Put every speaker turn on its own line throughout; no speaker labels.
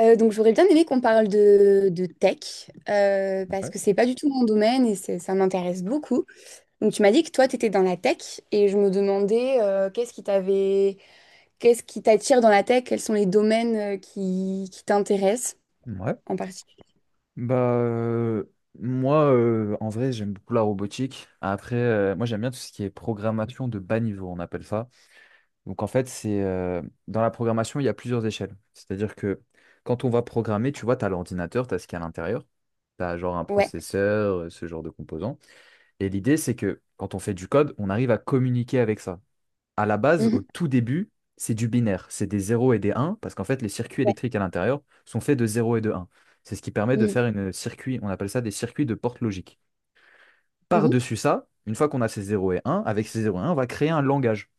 Donc j'aurais bien aimé qu'on parle de tech, parce
Ouais.
que c'est pas du tout mon domaine et ça m'intéresse beaucoup. Donc tu m'as dit que toi, tu étais dans la tech et je me demandais qu'est-ce qui t'attire dans la tech, quels sont les domaines qui t'intéressent
Ouais.
en particulier.
Bah, euh, Moi, en vrai, j'aime beaucoup la robotique. Après, moi, j'aime bien tout ce qui est programmation de bas niveau, on appelle ça. Donc, en fait, c'est dans la programmation, il y a plusieurs échelles. C'est-à-dire que quand on va programmer, tu vois, tu as l'ordinateur, tu as ce qu'il y a à l'intérieur. Tu as genre un
Ouais.
processeur, ce genre de composants. Et l'idée, c'est que quand on fait du code, on arrive à communiquer avec ça. À la base, au
Mhm.
tout début, c'est du binaire. C'est des zéros et des uns, parce qu'en fait, les circuits
Ouais.
électriques à l'intérieur sont faits de 0 et de 1. C'est ce qui permet de
Mhm.
faire une circuit, on appelle ça des circuits de porte logique.
Mhm.
Par-dessus ça, une fois qu'on a ces 0 et 1, avec ces 0 et 1, on va créer un langage.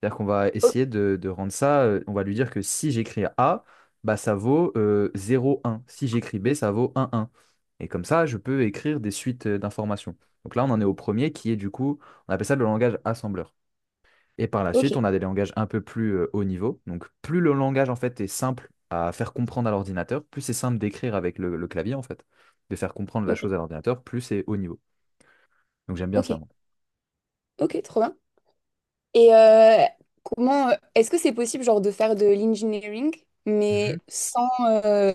C'est-à-dire qu'on va
O-
essayer de rendre ça, on va lui dire que si j'écris A, bah ça vaut 0, 1. Si j'écris B, ça vaut un un. Et comme ça, je peux écrire des suites d'informations. Donc là, on en est au premier qui est du coup, on appelle ça le langage assembleur. Et par la suite,
Ok.
on a des langages un peu plus haut niveau. Donc, plus le langage en fait est simple à faire comprendre à l'ordinateur, plus c'est simple d'écrire avec le clavier en fait, de faire comprendre la
Ok.
chose à l'ordinateur, plus c'est haut niveau. Donc, j'aime bien ça,
Ok.
moi.
Ok. Trop bien. Et comment est-ce que c'est possible genre de faire de l'engineering
Mhm.
mais sans euh,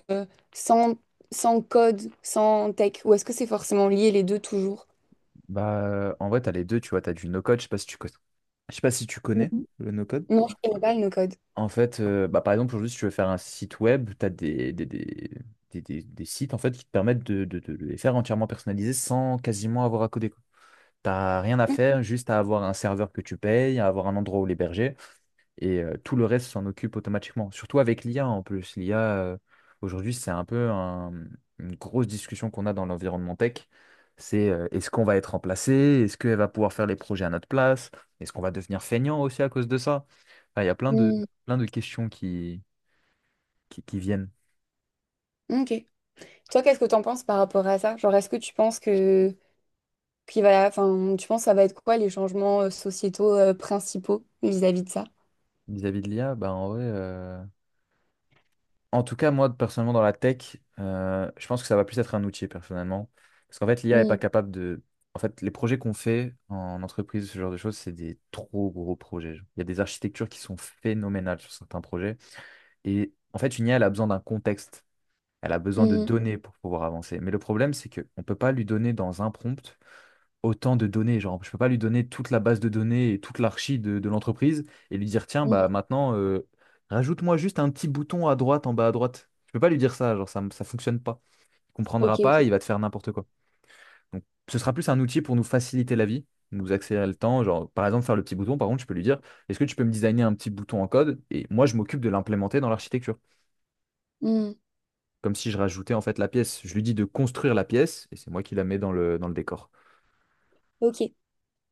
sans sans code, sans tech, ou est-ce que c'est forcément lié les deux toujours?
En vrai, tu as les deux, tu vois, tu as du no-code, je sais pas si tu connais
Mhm.
le no-code.
Non, je connais pas le no-code.
En fait, par exemple, aujourd'hui, si tu veux faire un site web, tu as des sites en fait, qui te permettent de, de les faire entièrement personnalisés sans quasiment avoir à coder. T'as rien à faire, juste à avoir un serveur que tu payes, à avoir un endroit où l'héberger, et tout le reste s'en occupe automatiquement. Surtout avec l'IA en plus. L'IA, aujourd'hui, c'est une grosse discussion qu'on a dans l'environnement tech. C'est est-ce qu'on va être remplacé? Est-ce qu'elle va pouvoir faire les projets à notre place? Est-ce qu'on va devenir feignant aussi à cause de ça? Enfin, il y a
Mhm.
plein de questions qui viennent
Ok. Toi, qu'est-ce que t'en penses par rapport à ça? Genre, est-ce que tu penses que tu penses que ça va être quoi les changements sociétaux principaux vis-à-vis de ça?
vis-à-vis de l'IA. En tout cas, moi, personnellement, dans la tech, je pense que ça va plus être un outil, personnellement. Parce qu'en fait, l'IA est pas
Mhm.
capable de… En fait, les projets qu'on fait en entreprise, ce genre de choses, c'est des trop gros projets, genre. Il y a des architectures qui sont phénoménales sur certains projets. Et en fait, une IA, elle a besoin d'un contexte. Elle a besoin de
Mhm.
données pour pouvoir avancer. Mais le problème, c'est qu'on ne peut pas lui donner dans un prompt autant de données. Genre, je peux pas lui donner toute la base de données et toute l'archi de l'entreprise et lui dire, tiens, bah
Mhm.
maintenant, rajoute-moi juste un petit bouton à droite, en bas à droite. Je peux pas lui dire ça, genre, ça fonctionne pas. Il
Ok,
comprendra pas,
ok.
il va te faire n'importe quoi. Donc, ce sera plus un outil pour nous faciliter la vie, nous accélérer le temps. Genre, par exemple, faire le petit bouton, par contre, je peux lui dire, est-ce que tu peux me designer un petit bouton en code? Et moi, je m'occupe de l'implémenter dans l'architecture.
Mhm.
Comme si je rajoutais en fait la pièce. Je lui dis de construire la pièce et c'est moi qui la mets dans le décor.
Ok.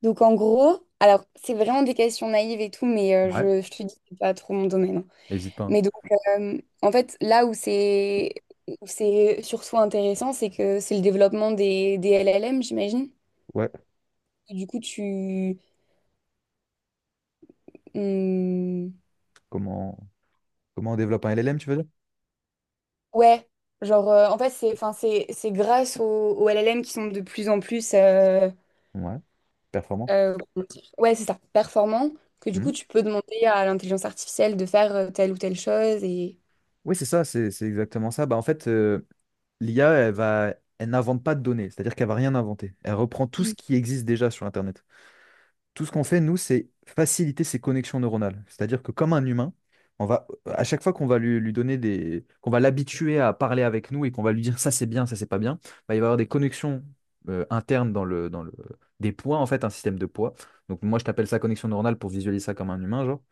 Donc en gros, alors c'est vraiment des questions naïves et tout, mais
Ouais,
je te dis, c'est pas trop mon domaine, hein.
n'hésite pas, hein.
Mais donc en fait, là où c'est surtout intéressant, c'est que c'est le développement des LLM, j'imagine.
Ouais.
Et du coup, tu... hum,
Comment? Comment on développe un LLM, tu veux dire?
ouais, genre en fait, c'est enfin, c'est grâce aux LLM qui sont de plus en plus...
Ouais, performant.
comment dire ouais, c'est ça, performants, que du
Mhm.
coup, tu peux demander à l'intelligence artificielle de faire telle ou telle chose et...
Oui, c'est ça, c'est exactement ça. Bah, en fait, l'IA, elle n'invente pas de données, c'est-à-dire qu'elle va rien inventer. Elle reprend tout ce
Mm.
qui existe déjà sur Internet. Tout ce qu'on fait, nous, c'est faciliter ses connexions neuronales. C'est-à-dire que comme un humain, on va, à chaque fois qu'on va lui donner des, qu'on va l'habituer à parler avec nous et qu'on va lui dire ça c'est bien, ça c'est pas bien, bah, il va y avoir des connexions internes dans le, des poids, en fait, un système de poids. Donc moi, je t'appelle ça connexion neuronale pour visualiser ça comme un humain, genre,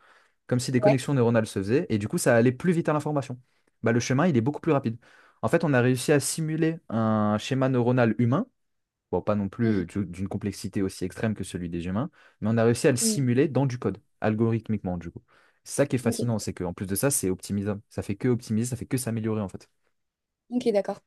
comme si des
Ouais.
connexions neuronales se faisaient, et du coup, ça allait plus vite à l'information. Bah, le chemin, il est beaucoup plus rapide. En fait, on a réussi à simuler un schéma neuronal humain, bon, pas non
Mhm.
plus d'une complexité aussi extrême que celui des humains, mais on a réussi à le
Mm.
simuler dans du code, algorithmiquement, du coup. C'est ça qui est
Ok.
fascinant, c'est qu'en plus de ça, c'est optimisable. Ça fait que optimiser, ça fait que s'améliorer, en fait.
Ok, d'accord.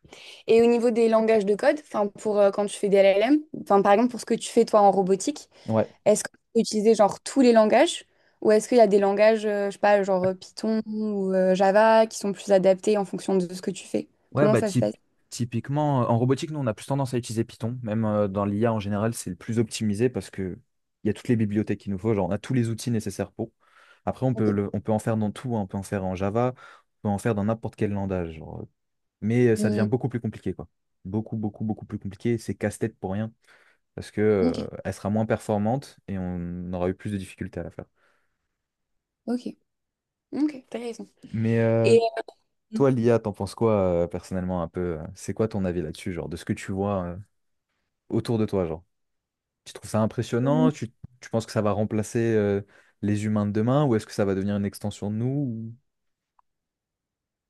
Et au niveau des langages de code, enfin pour quand tu fais des LLM, enfin par exemple pour ce que tu fais toi en robotique,
Ouais.
est-ce que tu peux utiliser genre tous les langages ou est-ce qu'il y a des langages, je sais pas, genre Python ou Java qui sont plus adaptés en fonction de ce que tu fais?
Ouais,
Comment
bah
ça se
typ-
passe?
Typiquement, en robotique, nous, on a plus tendance à utiliser Python. Même dans l'IA en général, c'est le plus optimisé parce que il y a toutes les bibliothèques qu'il nous faut, genre on a tous les outils nécessaires pour. Après,
Ok.
on peut en faire dans tout, hein. On peut en faire en Java, on peut en faire dans n'importe quel langage, genre. Mais ça devient
Hmm,
beaucoup plus compliqué, quoi. Beaucoup, beaucoup, beaucoup plus compliqué. C'est casse-tête pour rien parce que
ok,
elle sera moins performante et on aura eu plus de difficultés à la faire.
ok, ok, t'as raison.
Mais
Et
toi, l'IA, t'en penses quoi personnellement un peu? C'est quoi ton avis là-dessus, genre de ce que tu vois autour de toi, genre? Tu trouves ça impressionnant? Tu penses que ça va remplacer les humains de demain ou est-ce que ça va devenir une extension de nous? Ou…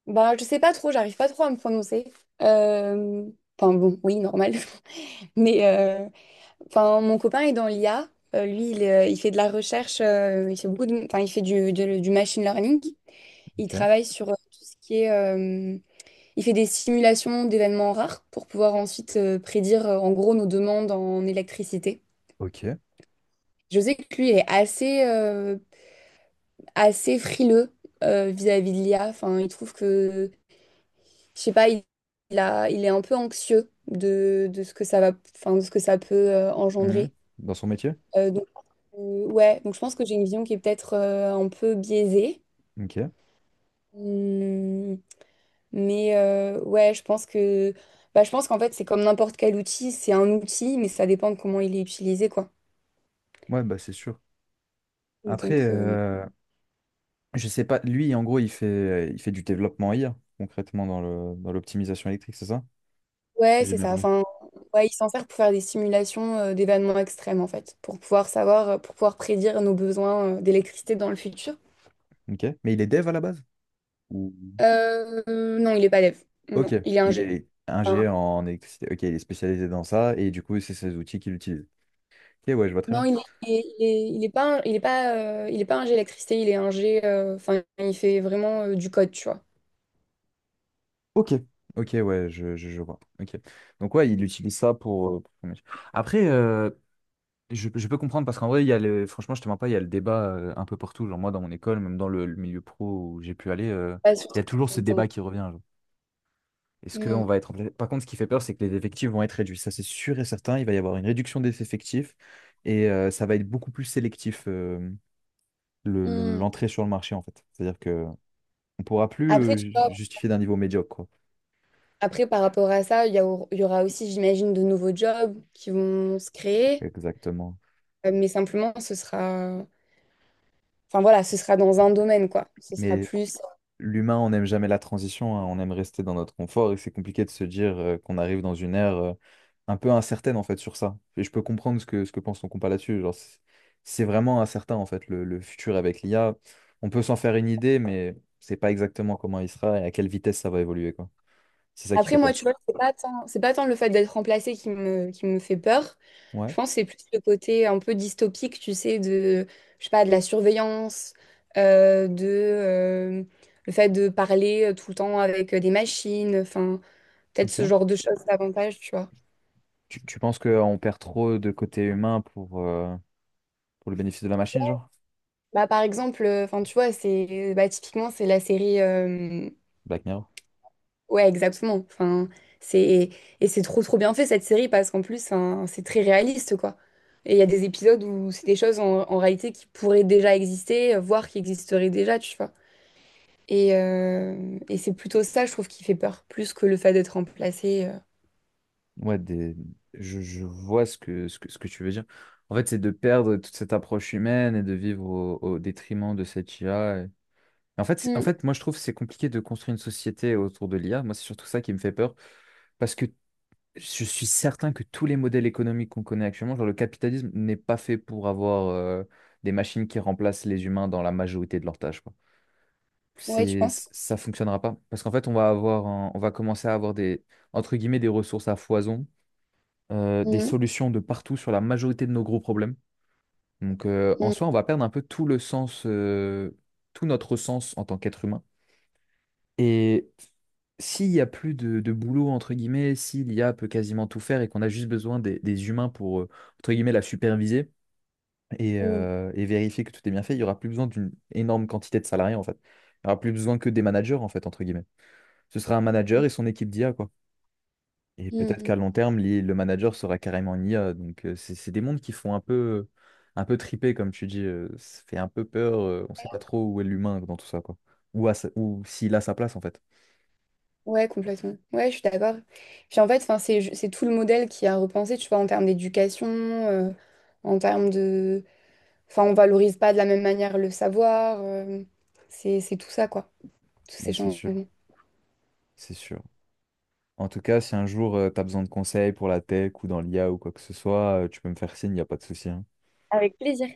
bah je sais pas trop, j'arrive pas trop à me prononcer. Euh, Enfin bon, oui, normal. Mais enfin, mon copain est dans l'IA. Lui, il fait de la recherche, il fait du machine learning. Il
ok.
travaille sur tout ce qui est, il fait des simulations d'événements rares pour pouvoir ensuite prédire, en gros, nos demandes en électricité.
Ok.
Je sais que lui, il est assez frileux vis-à-vis de l'IA. Enfin, il trouve que, je sais pas, il a, il est un peu anxieux de ce que ça va, enfin, de ce que ça peut
Mhm.
engendrer.
Dans son métier?
Donc, ouais, donc je pense que j'ai une vision qui est peut-être un peu biaisée.
Ok.
Hmm, mais ouais, je pense que je pense qu'en fait, c'est comme n'importe quel outil, c'est un outil, mais ça dépend de comment il est utilisé, quoi.
Ouais, bah c'est sûr. Après,
Donc
je sais pas, lui, en gros, il fait du développement IA, concrètement, dans le, dans l'optimisation électrique, c'est ça?
ouais,
Si j'ai
c'est
bien
ça.
compris.
Enfin, ouais, il s'en sert pour faire des simulations d'événements extrêmes, en fait, pour pouvoir savoir, pour pouvoir prédire nos besoins d'électricité dans le futur.
Ok. Mais il est dev à la base? Ou…
Non, il est pas dev.
ok.
Non, il est
Il
ingé.
est ingé en électricité. Ok, il est spécialisé dans ça et du coup, c'est ses outils qu'il utilise. Ok, ouais, je vois très
Non,
bien.
il est, il est, il est pas, il est pas, il est pas ingé électricité, il est ingé, il fait vraiment du code, tu vois.
Ok, ok, ouais, je vois. Ok. Donc ouais, il utilise ça pour, pour son métier. Après, je peux comprendre parce qu'en vrai, il y a le, franchement, je te mens pas, il y a le débat un peu partout. Genre moi, dans mon école, même dans le milieu pro où j'ai pu aller,
Pas
il
surtout
y a
quand
toujours
t'es
ce
dedans.
débat qui revient, genre. Est-ce qu'on
Mm.
va être remplacé? Par contre, ce qui fait peur, c'est que les effectifs vont être réduits. Ça, c'est sûr et certain. Il va y avoir une réduction des effectifs et ça va être beaucoup plus sélectif,
Mm.
l'entrée sur le marché en fait. C'est-à-dire que on pourra plus
Après, tu vois,
justifier d'un niveau médiocre, quoi.
après, par rapport à ça, il y aura aussi, j'imagine, de nouveaux jobs qui vont se créer,
Exactement.
mais simplement, ce sera, enfin voilà, ce sera dans un domaine, quoi. Ce sera
Mais
plus.
l'humain, on n'aime jamais la transition, hein, on aime rester dans notre confort et c'est compliqué de se dire qu'on arrive dans une ère un peu incertaine en fait sur ça. Et je peux comprendre ce que pense ton compas là-dessus. Genre, c'est vraiment incertain en fait le futur avec l'IA. On peut s'en faire une idée, mais c'est pas exactement comment il sera et à quelle vitesse ça va évoluer, quoi. C'est ça qui
Après,
fait
moi,
peur.
tu vois, c'est pas tant le fait d'être remplacé qui me fait peur. Je
Ouais,
pense que c'est plus le côté un peu dystopique, tu sais, je sais pas, de la surveillance, euh, de, euh, le fait de parler tout le temps avec des machines, enfin, peut-être ce
ok.
genre de choses davantage, tu vois.
Tu penses qu'on perd trop de côté humain pour le bénéfice de la machine, genre?
Bah, par exemple, tu vois, typiquement, c'est la série
Black Mirror.
ouais, exactement. Enfin, c'est et c'est trop trop bien fait cette série parce qu'en plus hein, c'est très réaliste quoi. Et il y a des épisodes où c'est des choses en réalité qui pourraient déjà exister, voire qui existeraient déjà, tu vois. Et c'est plutôt ça, je trouve, qui fait peur, plus que le fait d'être remplacé, euh.
Ouais, des… je vois ce que, ce que, ce que tu veux dire. En fait, c'est de perdre toute cette approche humaine et de vivre au, au détriment de cette IA. Et… en fait,
Mm.
moi, je trouve que c'est compliqué de construire une société autour de l'IA. Moi, c'est surtout ça qui me fait peur parce que je suis certain que tous les modèles économiques qu'on connaît actuellement, genre le capitalisme, n'est pas fait pour avoir des machines qui remplacent les humains dans la majorité de leurs tâches, quoi.
Ouais, tu penses?
Ça fonctionnera pas parce qu'en fait, on va commencer à avoir des, entre guillemets, des ressources à foison, des
Mm,
solutions de partout sur la majorité de nos gros problèmes. Donc en
mm,
soi, on va perdre un peu tout le sens, tout notre sens en tant qu'être humain. Et s'il n'y a plus de boulot, entre guillemets, si l'I a peut quasiment tout faire et qu'on a juste besoin des humains pour, entre guillemets, la superviser
mm,
et vérifier que tout est bien fait, il n'y aura plus besoin d'une énorme quantité de salariés, en fait. Il n'y aura plus besoin que des managers, en fait, entre guillemets. Ce sera un manager et son équipe d'IA, quoi. Et
mm,
peut-être qu'à
mm.
long terme, le manager sera carrément une IA. Donc, c'est des mondes qui font un peu triper, comme tu dis. Ça fait un peu peur. On ne sait pas trop où est l'humain dans tout ça, quoi. Ou, ou s'il a sa place, en fait.
Ouais, complètement. Ouais, je suis d'accord. Puis en fait, enfin, c'est tout le modèle qui a repensé, tu vois, en termes d'éducation, en termes de enfin, on valorise pas de la même manière le savoir, c'est tout ça, quoi. Tous
Bah,
ces
c'est
gens.
sûr, c'est sûr. En tout cas, si un jour, tu as besoin de conseils pour la tech ou dans l'IA ou quoi que ce soit, tu peux me faire signe, il n'y a pas de souci, hein.
Avec plaisir.